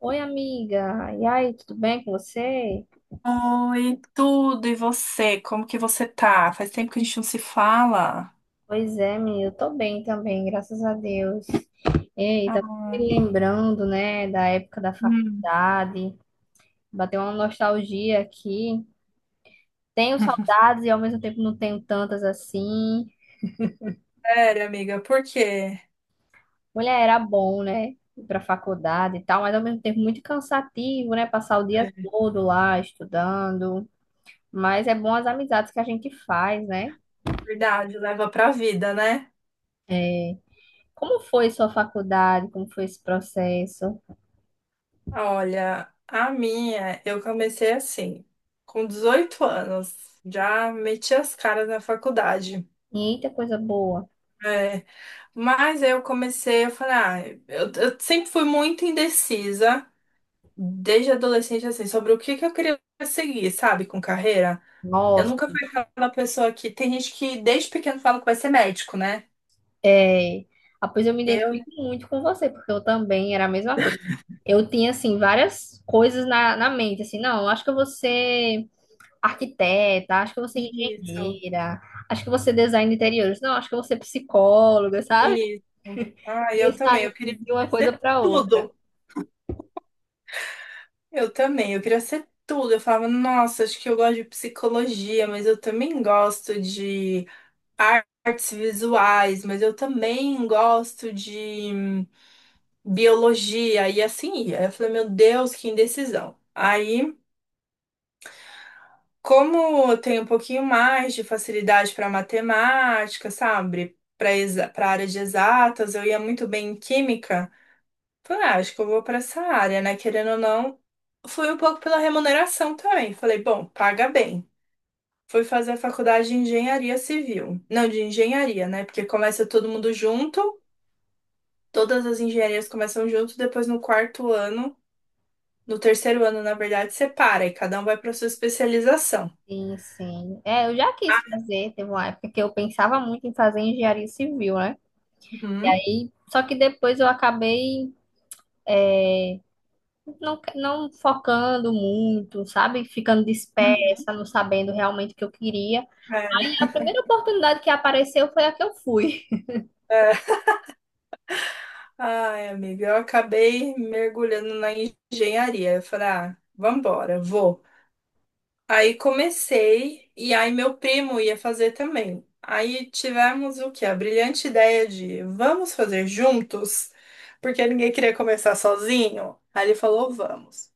Oi, amiga. E aí, tudo bem com você? Oi, tudo, e você? Como que você tá? Faz tempo que a gente não se fala. Pois é, menina, eu tô bem também, graças a Deus. Ei, tá me Ah. lembrando, né, da época da Hum. faculdade, bateu uma nostalgia aqui. Tenho saudades e ao mesmo tempo não tenho tantas assim. Sério, amiga, por quê? Mulher, era bom, né, ir pra faculdade e tal, mas ao mesmo tempo muito cansativo, né, passar o dia todo lá estudando. Mas é bom as amizades que a gente faz, né? Verdade, leva pra vida, né? É, como foi sua faculdade? Como foi esse processo? Olha, a minha, eu comecei assim, com 18 anos, já meti as caras na faculdade. Eita, coisa boa. É, mas eu comecei, eu falei, ah, eu sempre fui muito indecisa, desde adolescente, assim, sobre o que que eu queria seguir, sabe, com carreira. Eu Nossa, nunca fui aquela pessoa que. Tem gente que desde pequeno fala que vai ser médico, né? é. Ah, pois eu me Eu. identifico muito com você, porque eu também era a mesma coisa. Eu tinha, assim, várias coisas na mente, assim, não, acho que eu vou ser arquiteta, acho que eu vou ser Isso, engenheira, acho que eu vou ser design de interiores, não, acho que eu vou ser psicóloga, sabe? isso. Ah, E eu eu também. saí Eu queria de uma coisa ser para outra. tudo. Eu também. Eu queria ser tudo. Eu falava, nossa, acho que eu gosto de psicologia, mas eu também gosto de artes visuais, mas eu também gosto de biologia. E assim ia. Eu falei, meu Deus, que indecisão. Aí. Como eu tenho um pouquinho mais de facilidade para matemática, sabe? Para área de exatas, eu ia muito bem em química. Falei, ah, acho que eu vou para essa área, né? Querendo ou não, fui um pouco pela remuneração também. Falei, bom, paga bem. Fui fazer a faculdade de engenharia civil. Não, de engenharia, né? Porque começa todo mundo junto, todas as engenharias começam junto, depois no quarto ano, no terceiro ano, na verdade, separa e cada um vai para sua especialização. Sim, sim. É, eu já quis fazer, teve uma época que eu pensava muito em fazer engenharia civil, né? E Uhum. aí, só que depois eu acabei não focando muito, sabe? Ficando Uhum. dispersa, não sabendo realmente o que eu queria. Aí a primeira oportunidade que apareceu foi a que eu fui. É. Ai, amiga, eu acabei mergulhando na engenharia. Eu falei, ah, vambora, vou. Aí comecei, e aí meu primo ia fazer também. Aí tivemos o quê? A brilhante ideia de vamos fazer juntos, porque ninguém queria começar sozinho. Aí ele falou, vamos.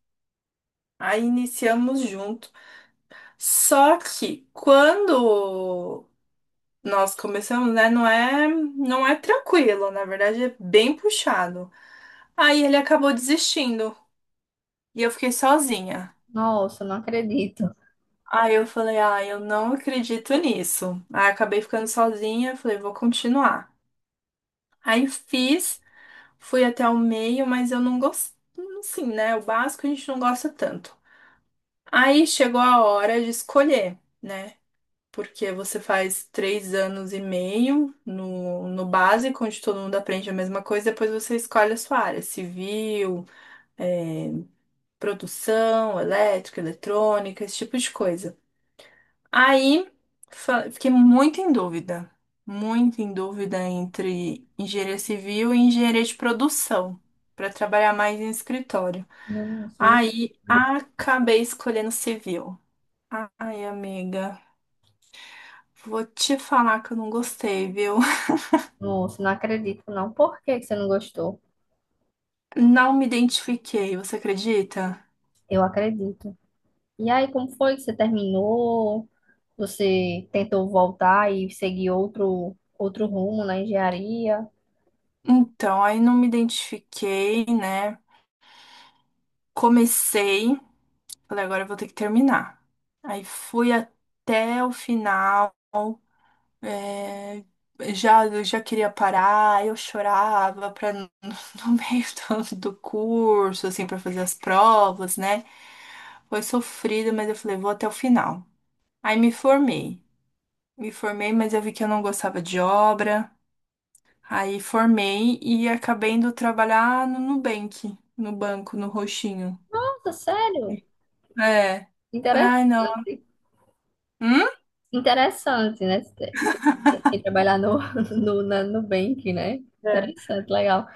Aí iniciamos junto. Só que quando nós começamos, né, não é tranquilo, na verdade é bem puxado. Aí ele acabou desistindo. E eu fiquei sozinha. Nossa, não acredito. Aí eu falei, ah, eu não acredito nisso. Aí acabei ficando sozinha, falei, vou continuar. Aí fiz, fui até o meio, mas eu não gostei, assim, né? O básico a gente não gosta tanto. Aí chegou a hora de escolher, né? Porque você faz 3 anos e meio no básico, onde todo mundo aprende a mesma coisa, depois você escolhe a sua área, civil, eh, produção, elétrica, eletrônica, esse tipo de coisa. Aí fiquei muito em dúvida entre engenharia civil e engenharia de produção, para trabalhar mais em escritório. Nossa, Aí não, acabei escolhendo civil. Ai, amiga, vou te falar que eu não gostei, viu? nossa, não acredito, não. Por que que você não gostou? Não me identifiquei, você acredita? Eu acredito. E aí, como foi que você terminou? Você tentou voltar e seguir outro rumo na engenharia? Então, aí não me identifiquei, né? Comecei, falei, agora eu vou ter que terminar. Aí fui até o final. É, já, eu já queria parar, eu chorava pra, no no meio do curso, assim, pra fazer as provas, né? Foi sofrido, mas eu falei, vou até o final. Aí me formei. Me formei, mas eu vi que eu não gostava de obra. Aí formei e acabei indo trabalhar no Nubank, no banco, no roxinho. Nossa, sério? É. Falei, Interessante, ai, não. Hum? interessante, né? E trabalhar no Nubank, né? É. Interessante, legal.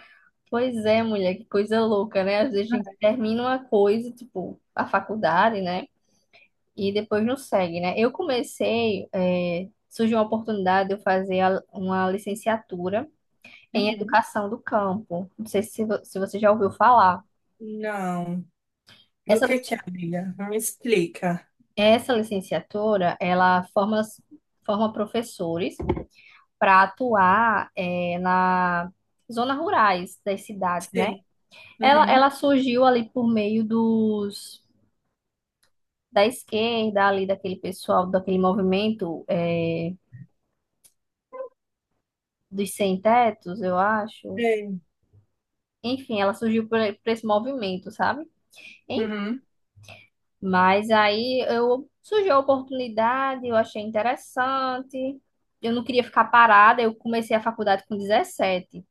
Pois é, mulher, que coisa louca, né? Às vezes a gente termina uma coisa, tipo, a faculdade, né? E depois não segue, né? Eu comecei, é, surgiu uma oportunidade de eu fazer uma licenciatura em Uhum. educação do campo. Não sei se você já ouviu falar. Não. Do Essa, lic- que é, amiga? Me explica. essa licenciatura, ela forma professores para atuar, na zonas rurais das cidades, né? Sim. Ela, Uhum. ela surgiu ali por meio dos da esquerda, ali daquele pessoal, daquele movimento dos sem-tetos, eu acho. Sei. Enfim, ela surgiu por esse movimento, sabe? Em- Uhum. mas aí eu surgiu a oportunidade, eu achei interessante. Eu não queria ficar parada, eu comecei a faculdade com 17.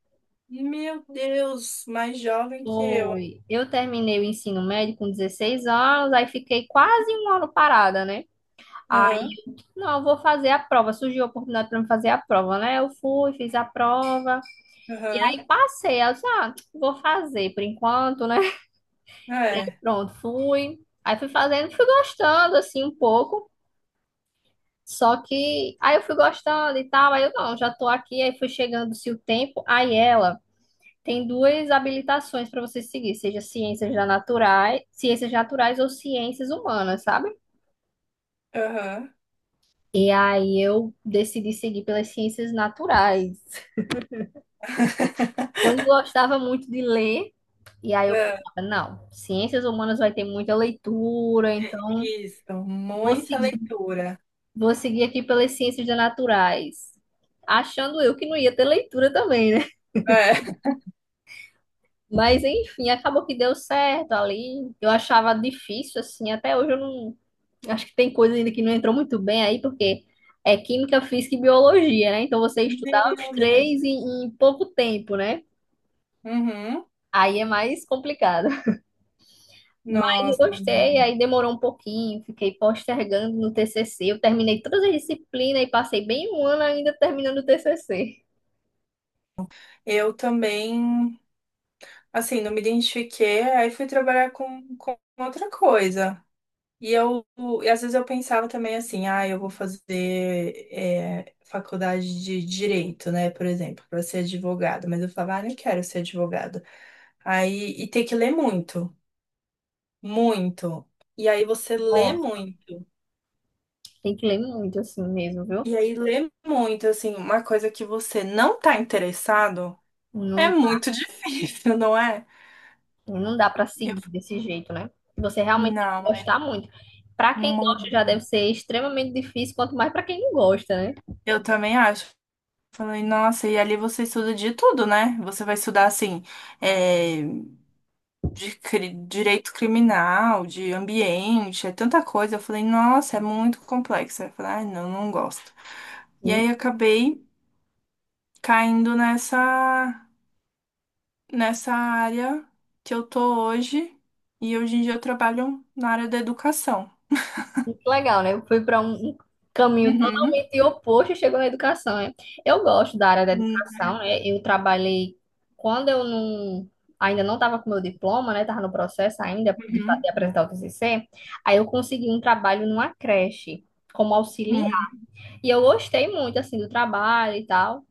Meu Deus, mais jovem que eu, hein? Foi. Eu terminei o ensino médio com 16 anos, aí fiquei quase um ano parada, né? Aham, Não, eu vou fazer a prova. Surgiu a oportunidade para me fazer a prova, né? Eu fui, fiz a prova. E aham, aí passei. Aí eu disse, ah, vou fazer por enquanto, né? E aí é, pronto, fui. Aí fui fazendo, fui gostando, assim, um pouco. Só que aí eu fui gostando e tal. Aí eu, não, já tô aqui. Aí fui chegando-se o tempo. Aí ela tem duas habilitações para você seguir, seja ciências da naturais, ciências naturais ou ciências humanas, sabe? aham. E aí eu decidi seguir pelas ciências naturais. Eu não gostava muito de ler, e aí eu É. pensava, não, ciências humanas vai ter muita leitura, então Isso, vou muita seguir, leitura. vou seguir aqui pelas ciências naturais. Achando eu que não ia ter leitura também, né? É. Mas enfim, acabou que deu certo ali. Eu achava difícil, assim, até hoje eu não. Acho que tem coisa ainda que não entrou muito bem aí, porque é química, física e biologia, né? Então você estudar os Meu três Deus. em pouco tempo, né? Uhum. Aí é mais complicado. Mas eu Nossa, gostei, meu. aí demorou um pouquinho, fiquei postergando no TCC. Eu terminei todas as disciplinas e passei bem um ano ainda terminando o TCC. Eu também, assim, não me identifiquei, aí fui trabalhar com outra coisa. E eu, e às vezes eu pensava também assim, ah, eu vou fazer é, faculdade de direito, né, por exemplo, para ser advogado. Mas eu falava, ah, não quero ser advogado. Aí, e tem que ler muito, muito. E aí você lê Nossa, muito. tem que ler muito assim mesmo, viu? E aí lê muito, assim, uma coisa que você não tá interessado é Não, muito difícil, não é? não dá pra Eu seguir falei, desse jeito, né? Você realmente tem que não, é gostar muito. Pra quem gosta muito. já deve ser extremamente difícil, quanto mais pra quem não gosta, né? Eu também acho. Falei, nossa, e ali você estuda de tudo, né? Você vai estudar, assim, eh, de direito criminal, de ambiente, é tanta coisa. Eu falei, nossa, é muito complexo. Aí eu falei, ai, não, não gosto. E Sim, aí eu acabei caindo nessa área que eu tô hoje, e hoje em dia eu trabalho na área da educação. muito legal, né? Eu fui para um caminho Uhum. totalmente oposto e chegou na educação, né? Eu gosto da área da Uhum. educação, né? Eu trabalhei quando eu ainda não estava com meu diploma, né? Estava no processo ainda de apresentar o TCC. Aí eu consegui um trabalho numa creche como auxiliar. Uhum. E eu gostei muito assim do trabalho e tal.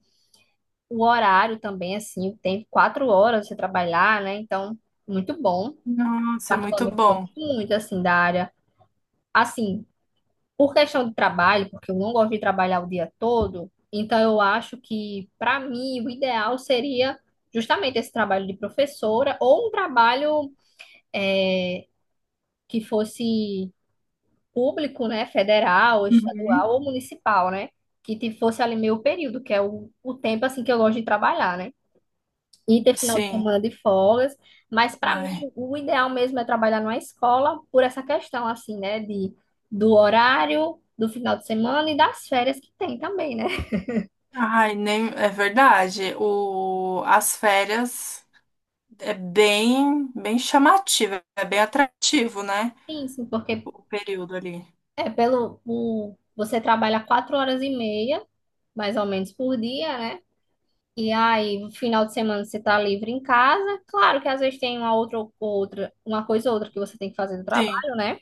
O horário também assim, tem 4 horas você trabalhar, né? Então, muito bom. Nossa, é muito Particularmente bom. gosto muito assim da área. Assim, por questão de trabalho, porque eu não gosto de trabalhar o dia todo, então eu acho que, para mim, o ideal seria justamente esse trabalho de professora ou um trabalho que fosse público, né, federal, Uhum. estadual ou municipal, né, que fosse ali meio período, que é o tempo, assim, que eu gosto de trabalhar, né, e ter final de Sim. semana de folgas, mas para mim Ai. o ideal mesmo é trabalhar numa escola por essa questão, assim, né, de, do horário, do final de semana e das férias que tem também, né? Ai, nem é verdade. O, as férias. É bem, bem chamativo, é bem atrativo, né? Sim, sim, O porque o período ali. é pelo o, você trabalha 4 horas e meia, mais ou menos por dia, né? E aí, no final de semana você tá livre em casa. Claro que às vezes tem uma coisa ou outra que você tem que fazer no Sim. trabalho, né?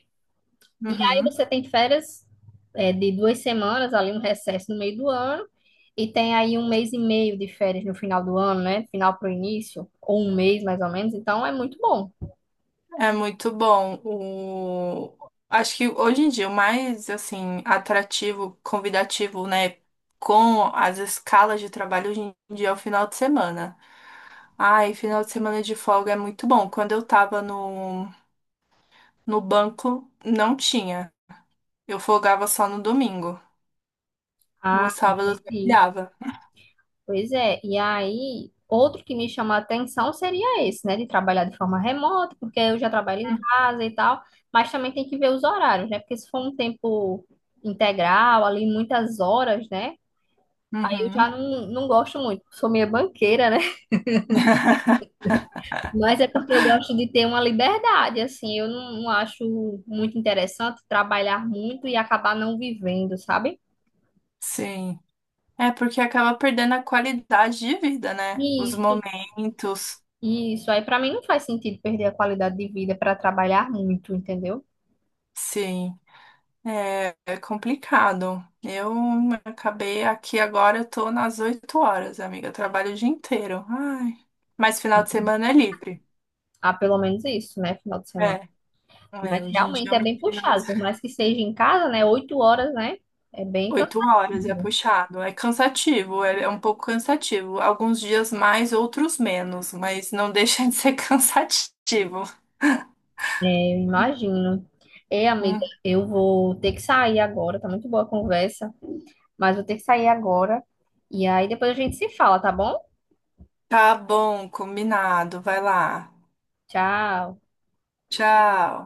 Aí Uhum. você tem férias é, de 2 semanas, ali um recesso no meio do ano, e tem aí um mês e meio de férias no final do ano, né? Final pro início, ou um mês mais ou menos, então é muito bom. É muito bom. O... Acho que hoje em dia o mais assim atrativo, convidativo, né, com as escalas de trabalho hoje em dia é o final de semana. Ai, final de semana de folga é muito bom. Quando eu tava no banco, não tinha. Eu folgava só no domingo. No Ah, sábado eu sim, trabalhava. pois é, e aí, outro que me chama a atenção seria esse, né, de trabalhar de forma remota, porque eu já trabalho em casa e tal, mas também tem que ver os horários, né, porque se for um tempo integral, ali muitas horas, né, aí eu já Uhum. não gosto muito, sou meio banqueira, né, mas é porque eu gosto de ter uma liberdade, assim, eu não acho muito interessante trabalhar muito e acabar não vivendo, sabe? Sim. É porque acaba perdendo a qualidade de vida, né? Os Isso, momentos. isso, aí pra mim não faz sentido perder a qualidade de vida para trabalhar muito, entendeu? Sim, é, é complicado. Eu acabei aqui agora, eu tô nas 8 horas, amiga. Eu trabalho o dia inteiro. Ai. Mas final de semana é livre. Ah, pelo menos isso, né? Final de semana. É, é, Mas hoje em dia, realmente é é meu bem final de puxado, por semana, mais que seja em casa, né? 8 horas, né? É bem 8 horas é cansativo. puxado. É cansativo, é, é um pouco cansativo. Alguns dias mais, outros menos, mas não deixa de ser cansativo. É, eu imagino. Ei, amiga, Hum. eu vou ter que sair agora. Tá muito boa a conversa, mas vou ter que sair agora. E aí depois a gente se fala, tá bom? Tá bom, combinado. Vai lá. Tchau. Tchau.